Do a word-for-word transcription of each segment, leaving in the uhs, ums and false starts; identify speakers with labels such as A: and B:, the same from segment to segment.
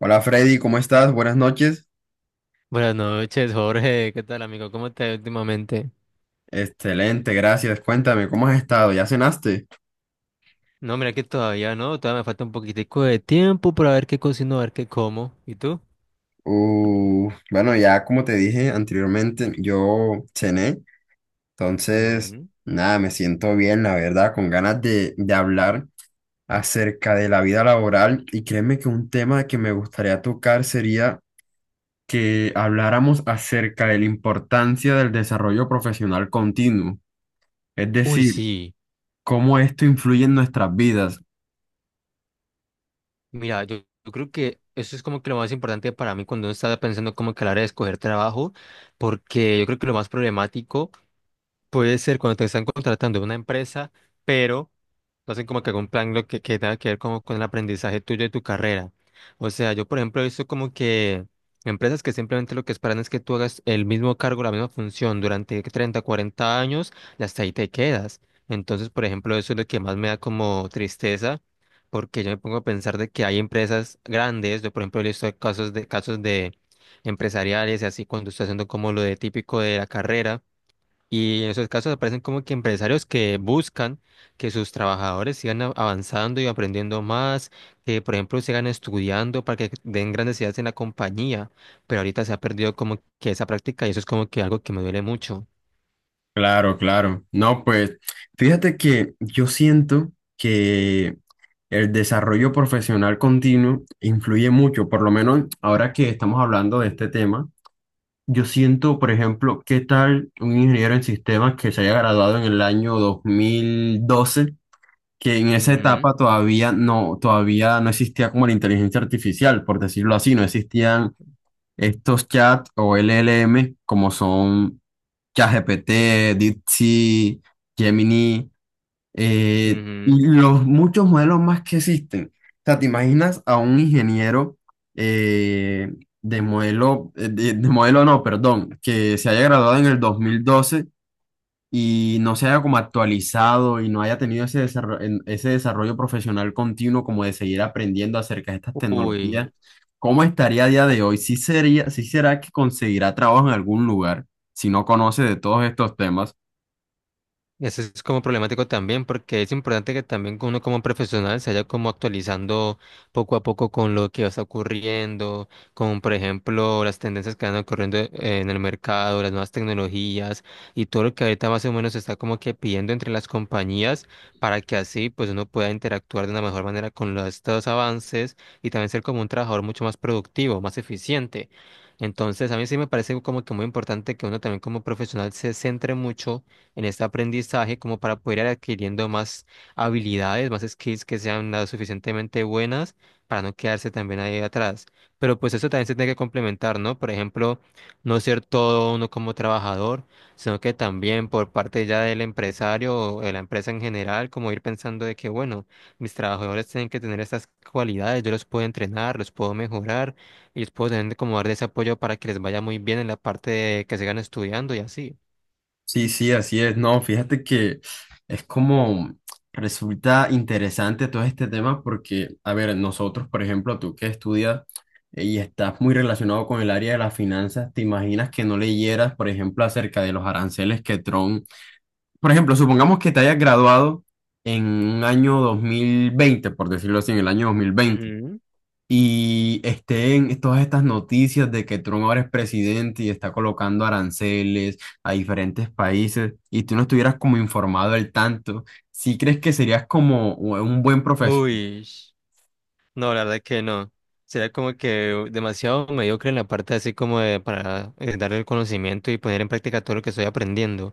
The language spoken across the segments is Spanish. A: Hola Freddy, ¿cómo estás? Buenas noches.
B: Buenas noches, Jorge. ¿Qué tal, amigo? ¿Cómo estás últimamente?
A: Excelente, gracias. Cuéntame, ¿cómo has estado? ¿Ya cenaste?
B: No, mira que todavía no, todavía me falta un poquitico de tiempo para ver qué cocino, a ver qué como. ¿Y tú?
A: Uh, bueno, ya como te dije anteriormente, yo cené, entonces,
B: Ujú.
A: nada, me siento bien, la verdad, con ganas de, de hablar acerca de la vida laboral, y créeme que un tema que me gustaría tocar sería que habláramos acerca de la importancia del desarrollo profesional continuo, es
B: Uy,
A: decir,
B: sí.
A: cómo esto influye en nuestras vidas.
B: Mira, yo, yo creo que eso es como que lo más importante para mí cuando uno está pensando como que a la hora de escoger trabajo, porque yo creo que lo más problemático puede ser cuando te están contratando en una empresa, pero no hacen como que algún plan lo que, que tenga que ver como con el aprendizaje tuyo de tu carrera. O sea, yo por ejemplo he visto como que empresas que simplemente lo que esperan es que tú hagas el mismo cargo, la misma función durante treinta, cuarenta años y hasta ahí te quedas. Entonces, por ejemplo, eso es lo que más me da como tristeza, porque yo me pongo a pensar de que hay empresas grandes, yo por ejemplo he visto casos de, casos de empresariales y así cuando estoy haciendo como lo de típico de la carrera y en esos casos aparecen como que empresarios que buscan que sus trabajadores sigan a- avanzando y aprendiendo más, que por ejemplo sigan estudiando para que den grandes ideas en la compañía, pero ahorita se ha perdido como que esa práctica y eso es como que algo que me duele mucho.
A: Claro, claro. No, pues fíjate que yo siento que el desarrollo profesional continuo influye mucho, por lo menos ahora que estamos hablando de este tema. Yo siento, por ejemplo, qué tal un ingeniero en sistemas que se haya graduado en el año dos mil doce, que en esa
B: Ujú,
A: etapa todavía no, todavía no existía como la inteligencia artificial, por decirlo así. No existían estos chats o L L M como son ChatGPT, DeepSeek, Gemini, eh, y los muchos modelos más que existen. O sea, ¿te imaginas a un ingeniero eh, de modelo, eh, de, de modelo no, perdón, que se haya graduado en el dos mil doce y no se haya como actualizado y no haya tenido ese desarrollo, ese desarrollo profesional continuo, como de seguir aprendiendo acerca de estas
B: ujú. Uy.
A: tecnologías? ¿Cómo estaría a día de hoy? ¿Sí sería, sí será que conseguirá trabajo en algún lugar si no conoce de todos estos temas?
B: Eso es como problemático también, porque es importante que también uno como profesional se vaya como actualizando poco a poco con lo que está ocurriendo, con por ejemplo las tendencias que van ocurriendo eh, en el mercado, las nuevas tecnologías y todo lo que ahorita más o menos se está como que pidiendo entre las compañías para que así pues uno pueda interactuar de una mejor manera con los, estos avances y también ser como un trabajador mucho más productivo, más eficiente. Entonces, a mí sí me parece como que muy importante que uno también como profesional se centre mucho en este aprendizaje como para poder ir adquiriendo más habilidades, más skills que sean lo suficientemente buenas para no quedarse también ahí atrás. Pero pues eso también se tiene que complementar, ¿no? Por ejemplo, no ser todo uno como trabajador, sino que también por parte ya del empresario o de la empresa en general, como ir pensando de que, bueno, mis trabajadores tienen que tener estas cualidades, yo los puedo entrenar, los puedo mejorar, y les puedo tener como darle ese apoyo para que les vaya muy bien en la parte de que sigan estudiando y así.
A: Sí, sí, así es. No, fíjate que es como resulta interesante todo este tema porque, a ver, nosotros, por ejemplo, tú que estudias, eh, y estás muy relacionado con el área de las finanzas, ¿te imaginas que no leyeras, por ejemplo, acerca de los aranceles que Trump, por ejemplo, supongamos que te hayas graduado en un año dos mil veinte, por decirlo así, en el año dos mil veinte,
B: Ujú.
A: y estén todas estas noticias de que Trump ahora es presidente y está colocando aranceles a diferentes países, y tú no estuvieras como informado del tanto? ¿Sí crees que serías como un buen profesional?
B: Uy, no, la verdad que no. Será como que demasiado mediocre en la parte así como de para eh, darle el conocimiento y poner en práctica todo lo que estoy aprendiendo.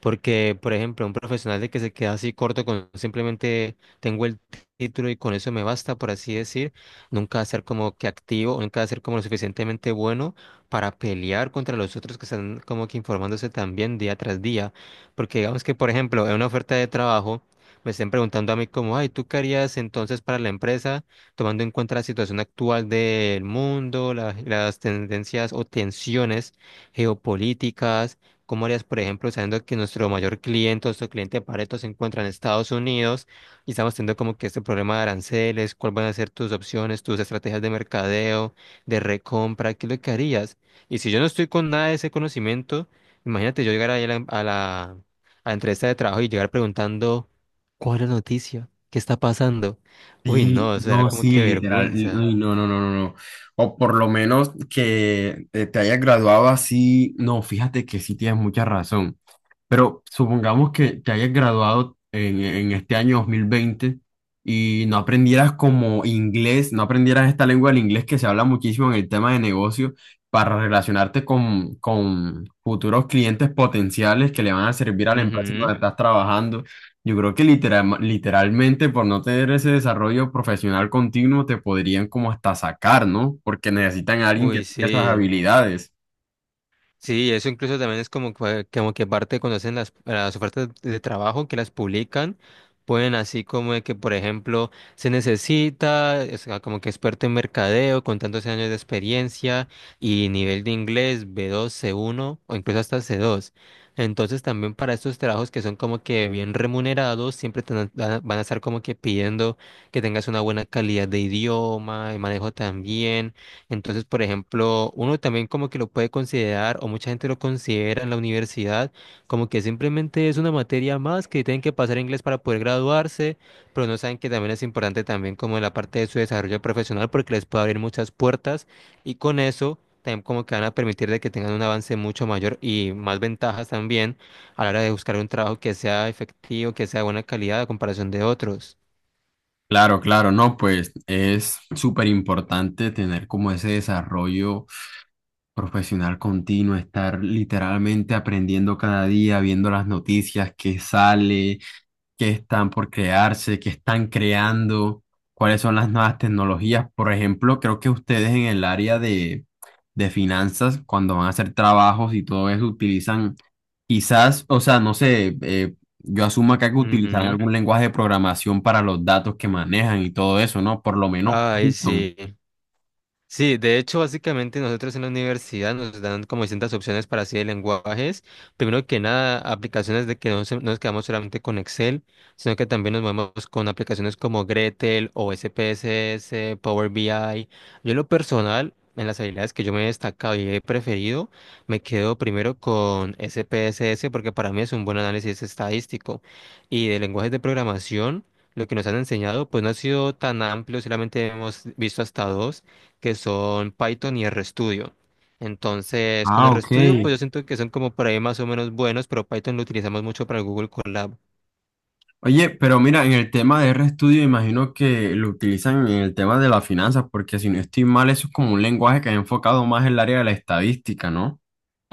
B: Porque, por ejemplo, un profesional de que se queda así corto con simplemente tengo el título y con eso me basta, por así decir, nunca va a ser como que activo, nunca va a ser como lo suficientemente bueno para pelear contra los otros que están como que informándose también día tras día. Porque digamos que, por ejemplo, en una oferta de trabajo me estén preguntando a mí como, ay, ¿tú qué harías entonces para la empresa, tomando en cuenta la situación actual del mundo, la- las tendencias o tensiones geopolíticas? ¿Cómo harías, por ejemplo, sabiendo que nuestro mayor cliente, nuestro cliente de Pareto se encuentra en Estados Unidos y estamos teniendo como que este problema de aranceles? ¿Cuáles van a ser tus opciones, tus estrategias de mercadeo, de recompra? ¿Qué es lo que harías? Y si yo no estoy con nada de ese conocimiento, imagínate yo llegar ahí a la, a la, a la entrevista de trabajo y llegar preguntando, ¿cuál es la noticia? ¿Qué está pasando? Uy,
A: Sí,
B: no, eso era
A: no,
B: como
A: sí,
B: que
A: literal, li-
B: vergüenza.
A: uy, no, no, no, no, no. O por lo menos que eh, te hayas graduado así, no, fíjate que sí tienes mucha razón. Pero supongamos que te hayas graduado en, en este año dos mil veinte y no aprendieras como inglés, no aprendieras esta lengua del inglés que se habla muchísimo en el tema de negocio para relacionarte con, con futuros clientes potenciales que le van a servir a la empresa en
B: Ujú.
A: donde estás trabajando. Yo creo que literal- literalmente, por no tener ese desarrollo profesional continuo, te podrían como hasta sacar, ¿no? Porque necesitan a alguien que
B: Uy,
A: tenga esas
B: sí.
A: habilidades.
B: Sí, eso incluso también es como, que- como que parte cuando hacen las, las ofertas de trabajo que las publican, pueden así como de que, por ejemplo, se necesita, o sea, como que experto en mercadeo con tantos años de experiencia y nivel de inglés B dos, C uno o incluso hasta C dos. Entonces también para estos trabajos que son como que bien remunerados, siempre te van a van a estar como que pidiendo que tengas una buena calidad de idioma, el manejo también entonces, por ejemplo, uno también como que lo puede considerar, o mucha gente lo considera en la universidad, como que simplemente es una materia más que tienen que pasar inglés para poder graduarse, pero no saben que también es importante también como en la parte de su desarrollo profesional porque les puede abrir muchas puertas y con eso también como que van a permitir de que tengan un avance mucho mayor y más ventajas también a la hora de buscar un trabajo que sea efectivo, que sea de buena calidad a comparación de otros.
A: Claro, claro, no, pues es súper importante tener como ese desarrollo profesional continuo, estar literalmente aprendiendo cada día, viendo las noticias que sale, que están por crearse, que están creando, cuáles son las nuevas tecnologías. Por ejemplo, creo que ustedes en el área de, de finanzas, cuando van a hacer trabajos y todo eso, utilizan quizás, o sea, no sé, eh, yo asumo acá que utilizarán
B: Ujú.
A: algún lenguaje de programación para los datos que manejan y todo eso, ¿no? Por lo menos
B: Ay,
A: Python.
B: sí. Sí, de hecho, básicamente nosotros en la universidad nos dan como distintas opciones para así de lenguajes. Primero que nada, aplicaciones de que no se- no nos quedamos solamente con Excel, sino que también nos movemos con aplicaciones como Gretel o S P S S, Power B I. Yo en lo personal, en las habilidades que yo me he destacado y he preferido, me quedo primero con S P S S porque para mí es un buen análisis estadístico. Y de lenguajes de programación, lo que nos han enseñado, pues no ha sido tan amplio, solamente hemos visto hasta dos que son Python y RStudio. Entonces, con
A: Ah, ok.
B: RStudio, pues yo siento que son como por ahí más o menos buenos, pero Python lo utilizamos mucho para el Google Colab.
A: Oye, pero mira, en el tema de RStudio, imagino que lo utilizan en el tema de las finanzas, porque si no estoy mal, eso es como un lenguaje que ha enfocado más en el área de la estadística, ¿no?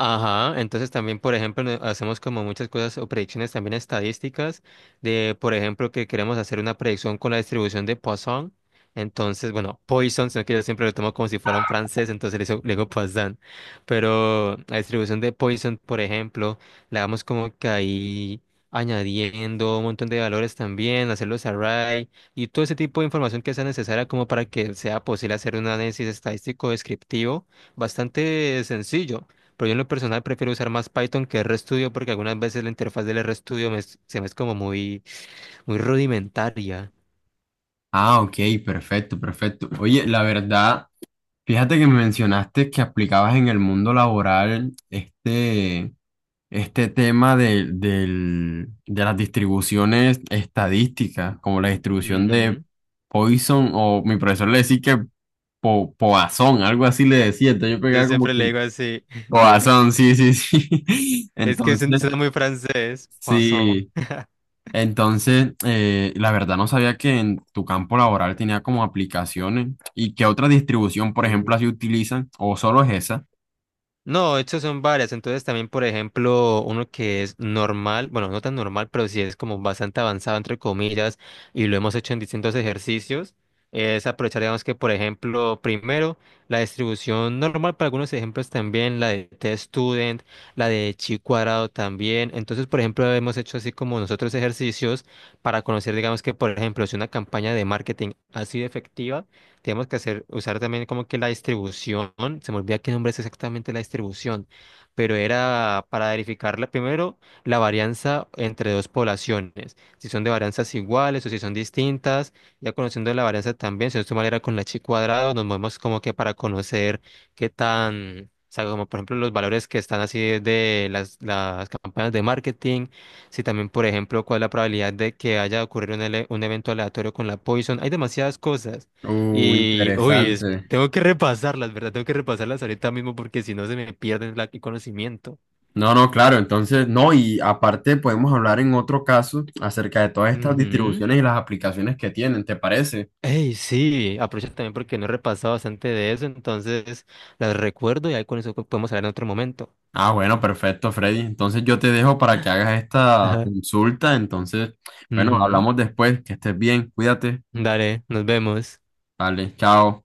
B: Ajá, entonces también, por ejemplo, ne- hacemos como muchas cosas o predicciones también estadísticas de, por ejemplo, que queremos hacer una predicción con la distribución de Poisson. Entonces, bueno, Poisson, sino que yo siempre lo tomo como si fuera un francés, entonces le, hizo- le digo Poisson. Pero la distribución de Poisson, por ejemplo, la vamos como que ahí añadiendo un montón de valores también, hacer los array y todo ese tipo de información que sea necesaria como para que sea posible hacer un análisis estadístico descriptivo bastante sencillo. Pero yo en lo personal prefiero usar más Python que RStudio porque algunas veces la interfaz del RStudio me es- se me es como muy, muy rudimentaria.
A: Ah, ok, perfecto, perfecto. Oye, la verdad, fíjate que me mencionaste que aplicabas en el mundo laboral este, este tema de, del- de las distribuciones estadísticas, como la distribución de
B: Ujú.
A: Poisson, o mi profesor le decía que po- Poisson, algo así le decía, entonces yo
B: Yo
A: pegaba como
B: siempre
A: que
B: le digo así,
A: Boazón, sí, sí, sí.
B: es que suena
A: Entonces,
B: suena muy francés, Poisson.
A: sí. Entonces, eh, la verdad no sabía que en tu campo laboral tenía como aplicaciones, y qué otra distribución, por ejemplo, así utilizan, o solo es esa.
B: No, estas son varias. Entonces también, por ejemplo, uno que es normal, bueno, no tan normal, pero sí es como bastante avanzado, entre comillas, y lo hemos hecho en distintos ejercicios, es aprovechar, digamos que, por ejemplo, primero, la distribución normal para algunos ejemplos también, la de T-Student, la de Chi cuadrado también. Entonces, por ejemplo, hemos hecho así como nosotros ejercicios para conocer, digamos que, por ejemplo, si una campaña de marketing ha sido efectiva tenemos que hacer, usar también como que la distribución, se me olvida qué nombre es exactamente la distribución, pero era para verificarla primero la varianza entre dos poblaciones, si son de varianzas iguales o si son distintas, ya conociendo la varianza también, si no estoy mal era con la chi cuadrado, nos movemos como que para conocer qué tan, o sea, como por ejemplo los valores que están así de las, las campañas de marketing, si también por ejemplo cuál es la probabilidad de que haya ocurrido un, ele- un evento aleatorio con la Poison, hay demasiadas cosas.
A: Uh,
B: Y, uy, es-
A: interesante.
B: tengo que repasarlas, ¿verdad? Tengo que repasarlas ahorita mismo porque si no se me pierden la- el conocimiento.
A: No, no, claro, entonces, no, y aparte podemos hablar en otro caso acerca de todas estas
B: Ujú.
A: distribuciones y las aplicaciones que tienen, ¿te parece?
B: Ey, sí, aprovecho también porque no he repasado bastante de eso, entonces las recuerdo y ahí con eso podemos hablar en otro momento.
A: Ah, bueno, perfecto, Freddy. Entonces yo te dejo para que hagas esta
B: Ajá.
A: consulta. Entonces, bueno,
B: Ujú.
A: hablamos después, que estés bien, cuídate.
B: Dale, nos vemos.
A: Vale, chao.